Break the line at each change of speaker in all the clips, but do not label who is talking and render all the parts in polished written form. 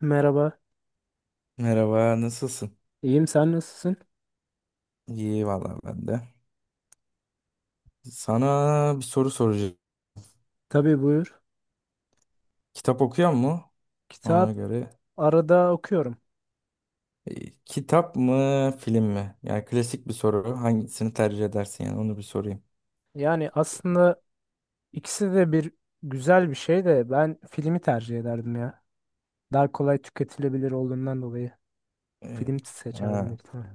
Merhaba,
Merhaba, nasılsın?
iyiyim sen nasılsın?
İyi valla ben de. Sana bir soru soracağım.
Tabii buyur.
Kitap okuyor mu? Ona
Kitap
göre.
arada okuyorum.
Kitap mı, film mi? Yani klasik bir soru. Hangisini tercih edersin yani onu bir sorayım.
Yani aslında ikisi de bir güzel bir şey de ben filmi tercih ederdim ya. Daha kolay tüketilebilir olduğundan dolayı
E,
film seçerdim
ha.
büyük ihtimal.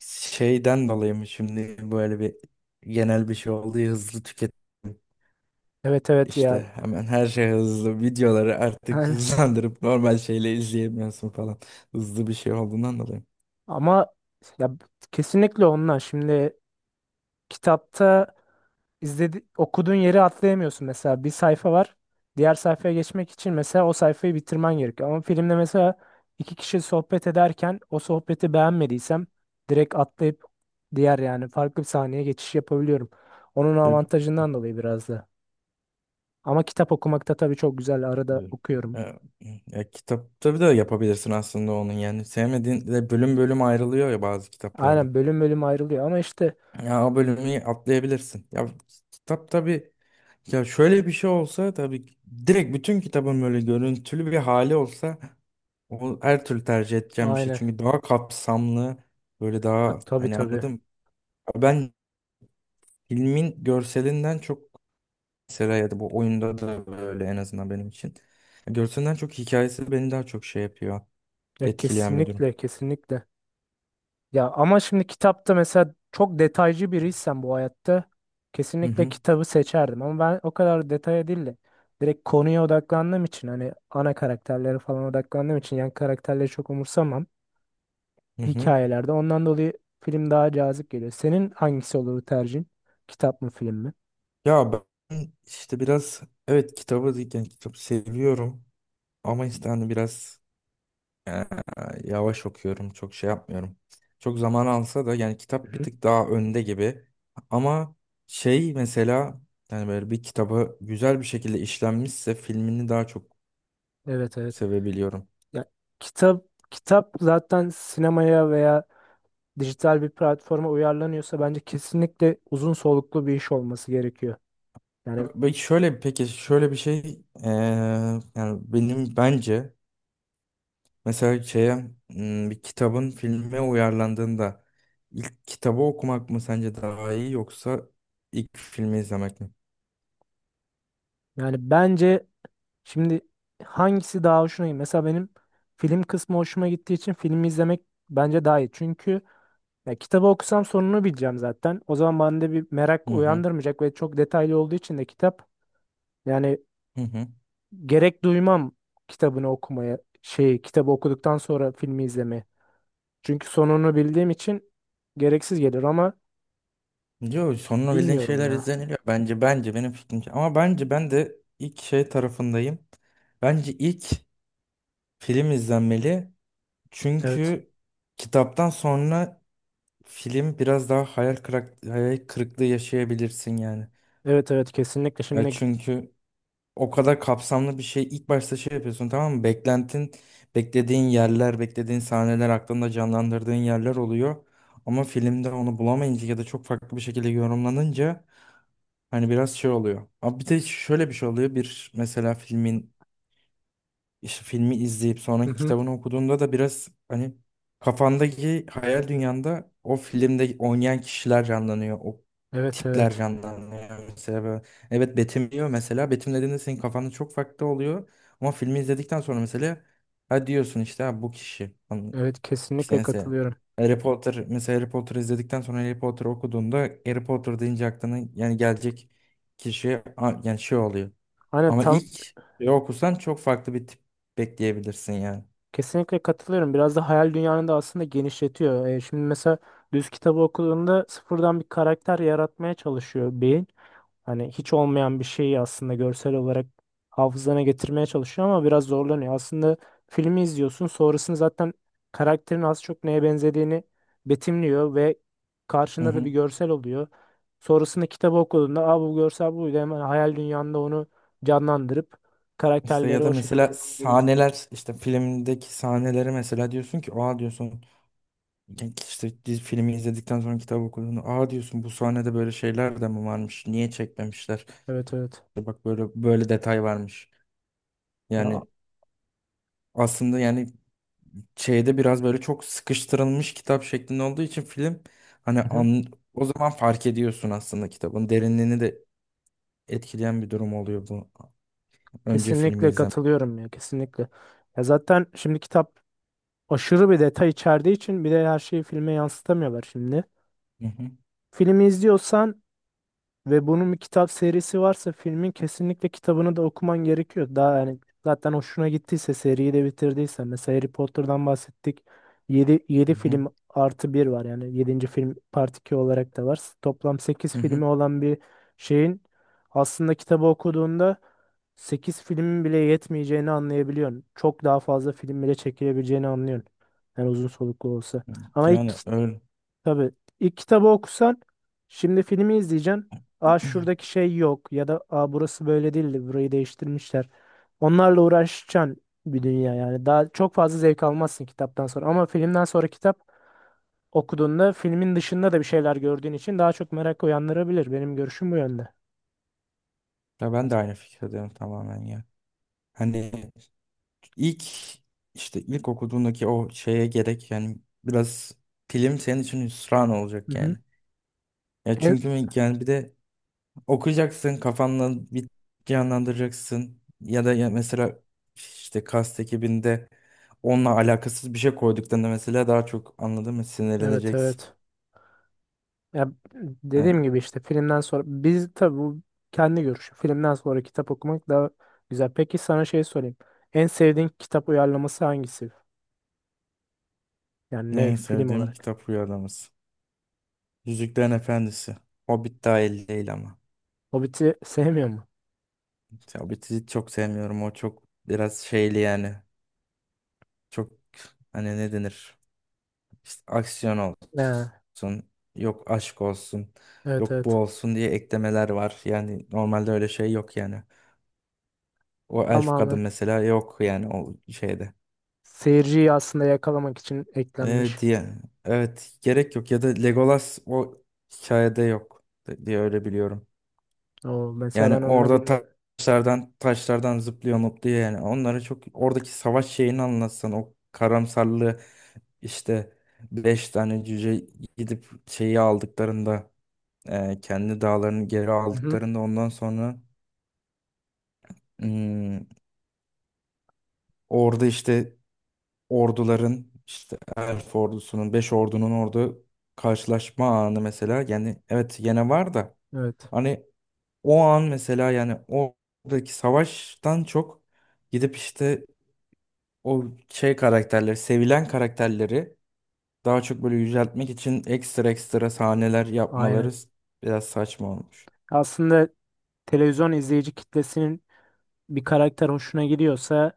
Şeyden dolayı mı şimdi böyle bir genel bir şey oldu ya, hızlı tüketim.
Evet evet
İşte
ya.
hemen her şey hızlı. Videoları artık hızlandırıp normal şeyle izleyemiyorsun falan. Hızlı bir şey olduğundan dolayı.
ama ya kesinlikle onlar. Şimdi kitapta İzledi, okuduğun yeri atlayamıyorsun mesela bir sayfa var. Diğer sayfaya geçmek için mesela o sayfayı bitirmen gerekiyor. Ama filmde mesela iki kişi sohbet ederken o sohbeti beğenmediysem direkt atlayıp diğer yani farklı bir sahneye geçiş yapabiliyorum. Onun avantajından dolayı biraz da. Ama kitap okumakta tabii çok güzel arada
Evet.
okuyorum.
Ya, ya kitapta da yapabilirsin aslında onun yani sevmediğin de bölüm bölüm ayrılıyor ya bazı kitaplarda.
Aynen bölüm bölüm ayrılıyor ama işte
Ya o bölümü atlayabilirsin. Ya kitap tabii ya şöyle bir şey olsa direkt bütün kitabın böyle görüntülü bir hali olsa o her türlü tercih edeceğim bir şey.
aynen.
Çünkü daha kapsamlı böyle
Ha,
daha
tabii
hani
tabii.
anladım. Ben filmin görselinden çok mesela ya da bu oyunda da böyle en azından benim için. Görselinden çok hikayesi beni daha çok şey yapıyor.
Ya
Etkileyen bir durum.
kesinlikle kesinlikle. Ya ama şimdi kitapta mesela çok detaycı biriysen bu hayatta
Hı
kesinlikle
hı,
kitabı seçerdim. Ama ben o kadar detaya değil de direkt konuya odaklandığım için hani ana karakterlere falan odaklandığım için yan karakterleri çok umursamam
hı hı.
hikayelerde. Ondan dolayı film daha cazip geliyor. Senin hangisi olur tercihin? Kitap mı film mi?
Ya ben işte biraz evet kitabı yani kitap seviyorum ama işte hani biraz eee, yavaş okuyorum. Çok şey yapmıyorum. Çok zaman alsa da yani kitap bir
Hı-hı.
tık daha önde gibi. Ama şey mesela yani böyle bir kitabı güzel bir şekilde işlenmişse filmini daha çok
Evet evet.
sevebiliyorum.
Ya kitap kitap zaten sinemaya veya dijital bir platforma uyarlanıyorsa bence kesinlikle uzun soluklu bir iş olması gerekiyor. Yani
Peki şöyle bir şey eee, yani benim bence mesela şeye bir kitabın filme uyarlandığında ilk kitabı okumak mı sence daha iyi yoksa ilk filmi izlemek mi?
bence şimdi hangisi daha hoşuna gidiyor? Mesela benim film kısmı hoşuma gittiği için filmi izlemek bence daha iyi. Çünkü ya kitabı okusam sonunu bileceğim zaten. O zaman bende bir merak
Hı hı,
uyandırmayacak ve çok detaylı olduğu için de kitap yani
hı hı.
gerek duymam kitabını okumaya şey kitabı okuduktan sonra filmi izlemeye. Çünkü sonunu bildiğim için gereksiz gelir ama
Diyor sonunu bildiğin
bilmiyorum
şeyler
ya.
izleniliyor. Bence benim fikrimce. Ama bence ben de ilk şey tarafındayım. Bence ilk film izlenmeli.
Evet.
Çünkü kitaptan sonra film biraz daha hayal kırıklığı yaşayabilirsin yani.
Evet evet kesinlikle
Ya
şimdi.
çünkü o kadar kapsamlı bir şey ilk başta şey yapıyorsun, tamam mı? Beklentin, beklediğin yerler, beklediğin sahneler, aklında canlandırdığın yerler oluyor. Ama filmde onu bulamayınca ya da çok farklı bir şekilde yorumlanınca hani biraz şey oluyor. Ama bir de şöyle bir şey oluyor. Bir mesela filmin işte filmi izleyip
Hı
sonra
hı.
kitabını okuduğunda da biraz hani kafandaki hayal dünyanda o filmde oynayan kişiler canlanıyor. O
Evet
tipler
evet.
canlanıyor. Evet betimliyor mesela. Betimlediğinde senin kafanda çok farklı oluyor. Ama filmi izledikten sonra mesela ha diyorsun işte ha bu kişi. Hani
Evet
işte
kesinlikle
mesela
katılıyorum.
Harry Potter mesela Harry Potter izledikten sonra Harry Potter okuduğunda Harry Potter deyince aklına yani gelecek kişi yani şey oluyor.
Hani
Ama
tam
ilk bir okursan çok farklı bir tip bekleyebilirsin yani.
kesinlikle katılıyorum. Biraz da hayal dünyanı da aslında genişletiyor. Şimdi mesela düz kitabı okuduğunda sıfırdan bir karakter yaratmaya çalışıyor beyin. Hani hiç olmayan bir şeyi aslında görsel olarak hafızana getirmeye çalışıyor ama biraz zorlanıyor. Aslında filmi izliyorsun, sonrasında zaten karakterin az çok neye benzediğini betimliyor ve
Hı
karşında da
hı.
bir görsel oluyor. Sonrasında kitabı okuduğunda aa, bu görsel buydu hemen hayal dünyanda onu canlandırıp
İşte ya
karakterleri
da
o şekilde
mesela
devam edebiliyor.
sahneler işte filmdeki sahneleri mesela diyorsun ki oha diyorsun İlk işte dizi, filmi izledikten sonra kitabı okuduğunu aa diyorsun bu sahnede böyle şeyler de mi varmış? Niye çekmemişler?
Evet evet.
İşte bak böyle böyle detay varmış.
Ya
Yani aslında yani şeyde biraz böyle çok sıkıştırılmış kitap şeklinde olduğu için film hani
hı hı.
an, o zaman fark ediyorsun aslında kitabın derinliğini de etkileyen bir durum oluyor bu önce filmi
Kesinlikle
izlemek.
katılıyorum ya kesinlikle. Ya zaten şimdi kitap aşırı bir detay içerdiği için bir de her şeyi filme yansıtamıyorlar şimdi.
Hı hı,
Filmi izliyorsan ve bunun bir kitap serisi varsa filmin kesinlikle kitabını da okuman gerekiyor. Daha yani zaten hoşuna gittiyse seriyi de bitirdiyse mesela Harry Potter'dan bahsettik. Yedi
hı hı,
film artı bir var yani yedinci film part 2 olarak da var. Toplam sekiz
hı hı.
filmi olan bir şeyin aslında kitabı okuduğunda 8 filmin bile yetmeyeceğini anlayabiliyorsun. Çok daha fazla film bile çekilebileceğini anlıyorsun. Yani uzun soluklu olsa. Ama ilk
Yani öyle.
tabii ilk kitabı okusan şimdi filmi izleyeceksin. Aa şuradaki şey yok ya da aa burası böyle değildi burayı değiştirmişler. Onlarla uğraşacaksın bir dünya yani. Daha çok fazla zevk almazsın kitaptan sonra ama filmden sonra kitap okuduğunda filmin dışında da bir şeyler gördüğün için daha çok merak uyandırabilir. Benim görüşüm bu yönde.
Ya ben de aynı fikirdeyim tamamen ya. Hani İlk işte ilk okuduğundaki o şeye gerek yani biraz film senin için hüsran
Hı
olacak
hı.
yani. Ya
En-
çünkü yani bir de okuyacaksın kafanla bir canlandıracaksın ya da ya mesela işte kast ekibinde onunla alakasız bir şey koyduklarında mesela daha çok anladın mı
evet
sinirleneceksin.
evet. Ya
Evet.
dediğim gibi işte filmden sonra biz tabii bu kendi görüşü. Filmden sonra kitap okumak daha güzel. Peki sana şey sorayım. En sevdiğin kitap uyarlaması hangisi? Yani ne
En
film
sevdiğim
olarak?
kitap Rüyalamız. Yüzüklerin Efendisi. Hobbit dahil değil ama.
Hobbit'i sevmiyor mu?
Ya Hobbit'i çok sevmiyorum. O çok biraz şeyli yani. Çok hani ne denir? İşte aksiyon
Ha,
olsun, yok aşk olsun,
evet
yok bu
evet.
olsun diye eklemeler var. Yani normalde öyle şey yok yani. O elf kadın
Tamamen
mesela yok yani o şeyde.
seyirciyi aslında yakalamak için eklenmiş.
Evet diye. Evet gerek yok ya da Legolas o hikayede yok diye öyle biliyorum.
O mesela
Yani
ben onu
orada ta-
bilmiyordum.
taşlardan zıplıyor mutluyor yani. Onlara çok oradaki savaş şeyini anlatsan o karamsarlığı işte beş tane cüce gidip şeyi aldıklarında kendi dağlarını geri
Hı hı,
aldıklarında ondan sonra hmm, orada işte orduların işte Elf ordusunun, Beş ordunun orada karşılaşma anı mesela yani evet yine var da
evet.
hani o an mesela yani oradaki savaştan çok gidip işte o şey karakterleri, sevilen karakterleri daha çok böyle yüceltmek için ekstra ekstra sahneler yapmaları
Aynen.
biraz saçma olmuş.
Aslında televizyon izleyici kitlesinin bir karakter hoşuna gidiyorsa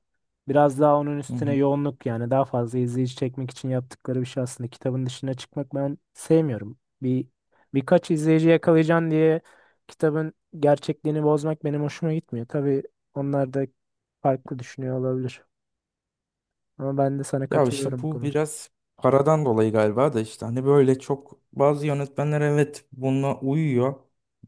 biraz daha onun üstüne yoğunluk yani daha fazla izleyici çekmek için yaptıkları bir şey aslında. Kitabın dışına çıkmak ben sevmiyorum. Birkaç izleyici yakalayacaksın diye kitabın gerçekliğini bozmak benim hoşuma gitmiyor. Tabii onlar da farklı düşünüyor olabilir. Ama ben de sana
Ya işte
katılıyorum bu
bu
konuda.
biraz paradan dolayı galiba da işte hani böyle çok bazı yönetmenler evet buna uyuyor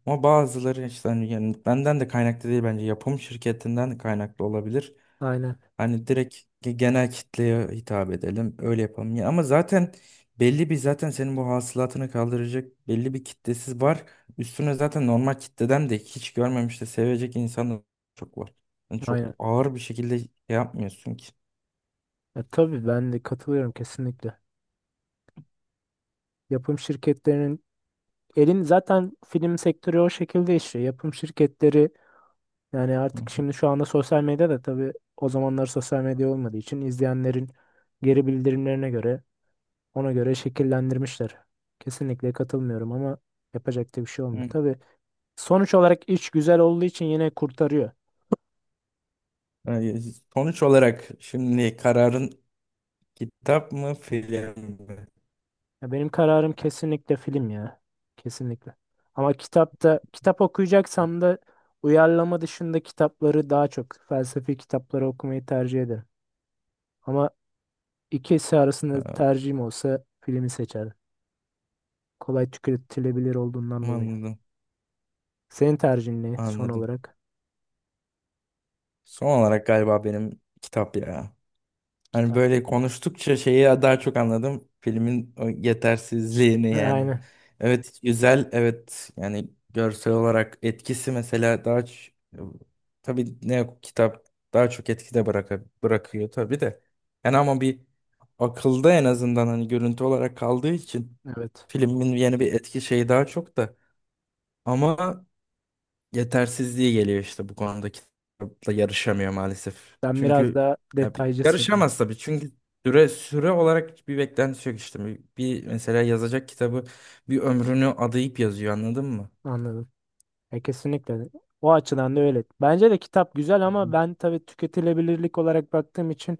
ama bazıları işte hani yönetmenden de kaynaklı değil bence yapım şirketinden de kaynaklı olabilir.
Aynen,
Hani direkt genel kitleye hitap edelim öyle yapalım ya ama zaten belli bir zaten senin bu hasılatını kaldıracak belli bir kitlesiz var. Üstüne zaten normal kitleden de hiç görmemiş de sevecek insan da çok var. Yani
aynen.
çok ağır bir şekilde şey yapmıyorsun ki.
Ya, tabii ben de katılıyorum kesinlikle. Yapım şirketlerinin elin zaten film sektörü o şekilde işliyor. Yapım şirketleri yani
Hı
artık şimdi şu anda sosyal medyada tabii o zamanlar sosyal medya olmadığı için izleyenlerin geri bildirimlerine göre ona göre şekillendirmişler. Kesinlikle katılmıyorum ama yapacak da bir şey olmuyor.
hı.
Tabii sonuç olarak iş güzel olduğu için yine kurtarıyor.
Ee, Sonuç olarak şimdi kararın kitap mı film mi?
Ya benim kararım kesinlikle film ya. Kesinlikle. Ama kitapta kitap okuyacaksam da uyarlama dışında kitapları daha çok felsefi kitapları okumayı tercih ederim. Ama ikisi arasında
Ha,
tercihim olsa filmi seçerdim. Kolay tüketilebilir olduğundan dolayı.
anladım,
Senin tercihin ne son
anladım.
olarak?
Son olarak galiba benim kitap ya. Hani
Kitap.
böyle konuştukça şeyi daha çok anladım. Filmin o yetersizliğini yani.
Aynen.
Evet güzel, evet yani görsel olarak etkisi mesela tabii ne kitap daha çok etkide bırakıyor tabii de. Yani ama bir akılda en azından hani görüntü olarak kaldığı için
Evet.
filmin yeni bir etki şeyi daha çok da ama yetersizliği geliyor işte bu konuda kitapla yarışamıyor maalesef.
Sen biraz
Çünkü
daha detaycısın.
yarışamaz tabii çünkü süre olarak bir beklenti yok işte. Bir mesela yazacak kitabı bir ömrünü adayıp yazıyor anladın mı?
Anladım. Kesinlikle. O açıdan da öyle. Bence de kitap güzel
Hı
ama
hı.
ben tabii tüketilebilirlik olarak baktığım için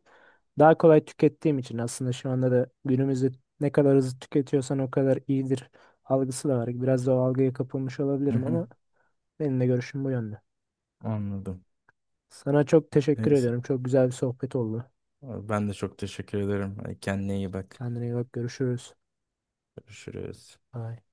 daha kolay tükettiğim için aslında şu anda da günümüzde ne kadar hızlı tüketiyorsan o kadar iyidir algısı da var. Biraz da o algıya kapılmış
Hı
olabilirim
hı.
ama benim de görüşüm bu yönde.
Anladım.
Sana çok teşekkür
Neyse.
ediyorum. Çok güzel bir sohbet oldu.
Ben de çok teşekkür ederim. Kendine iyi bak.
Kendine iyi bak. Görüşürüz.
Görüşürüz.
Bye.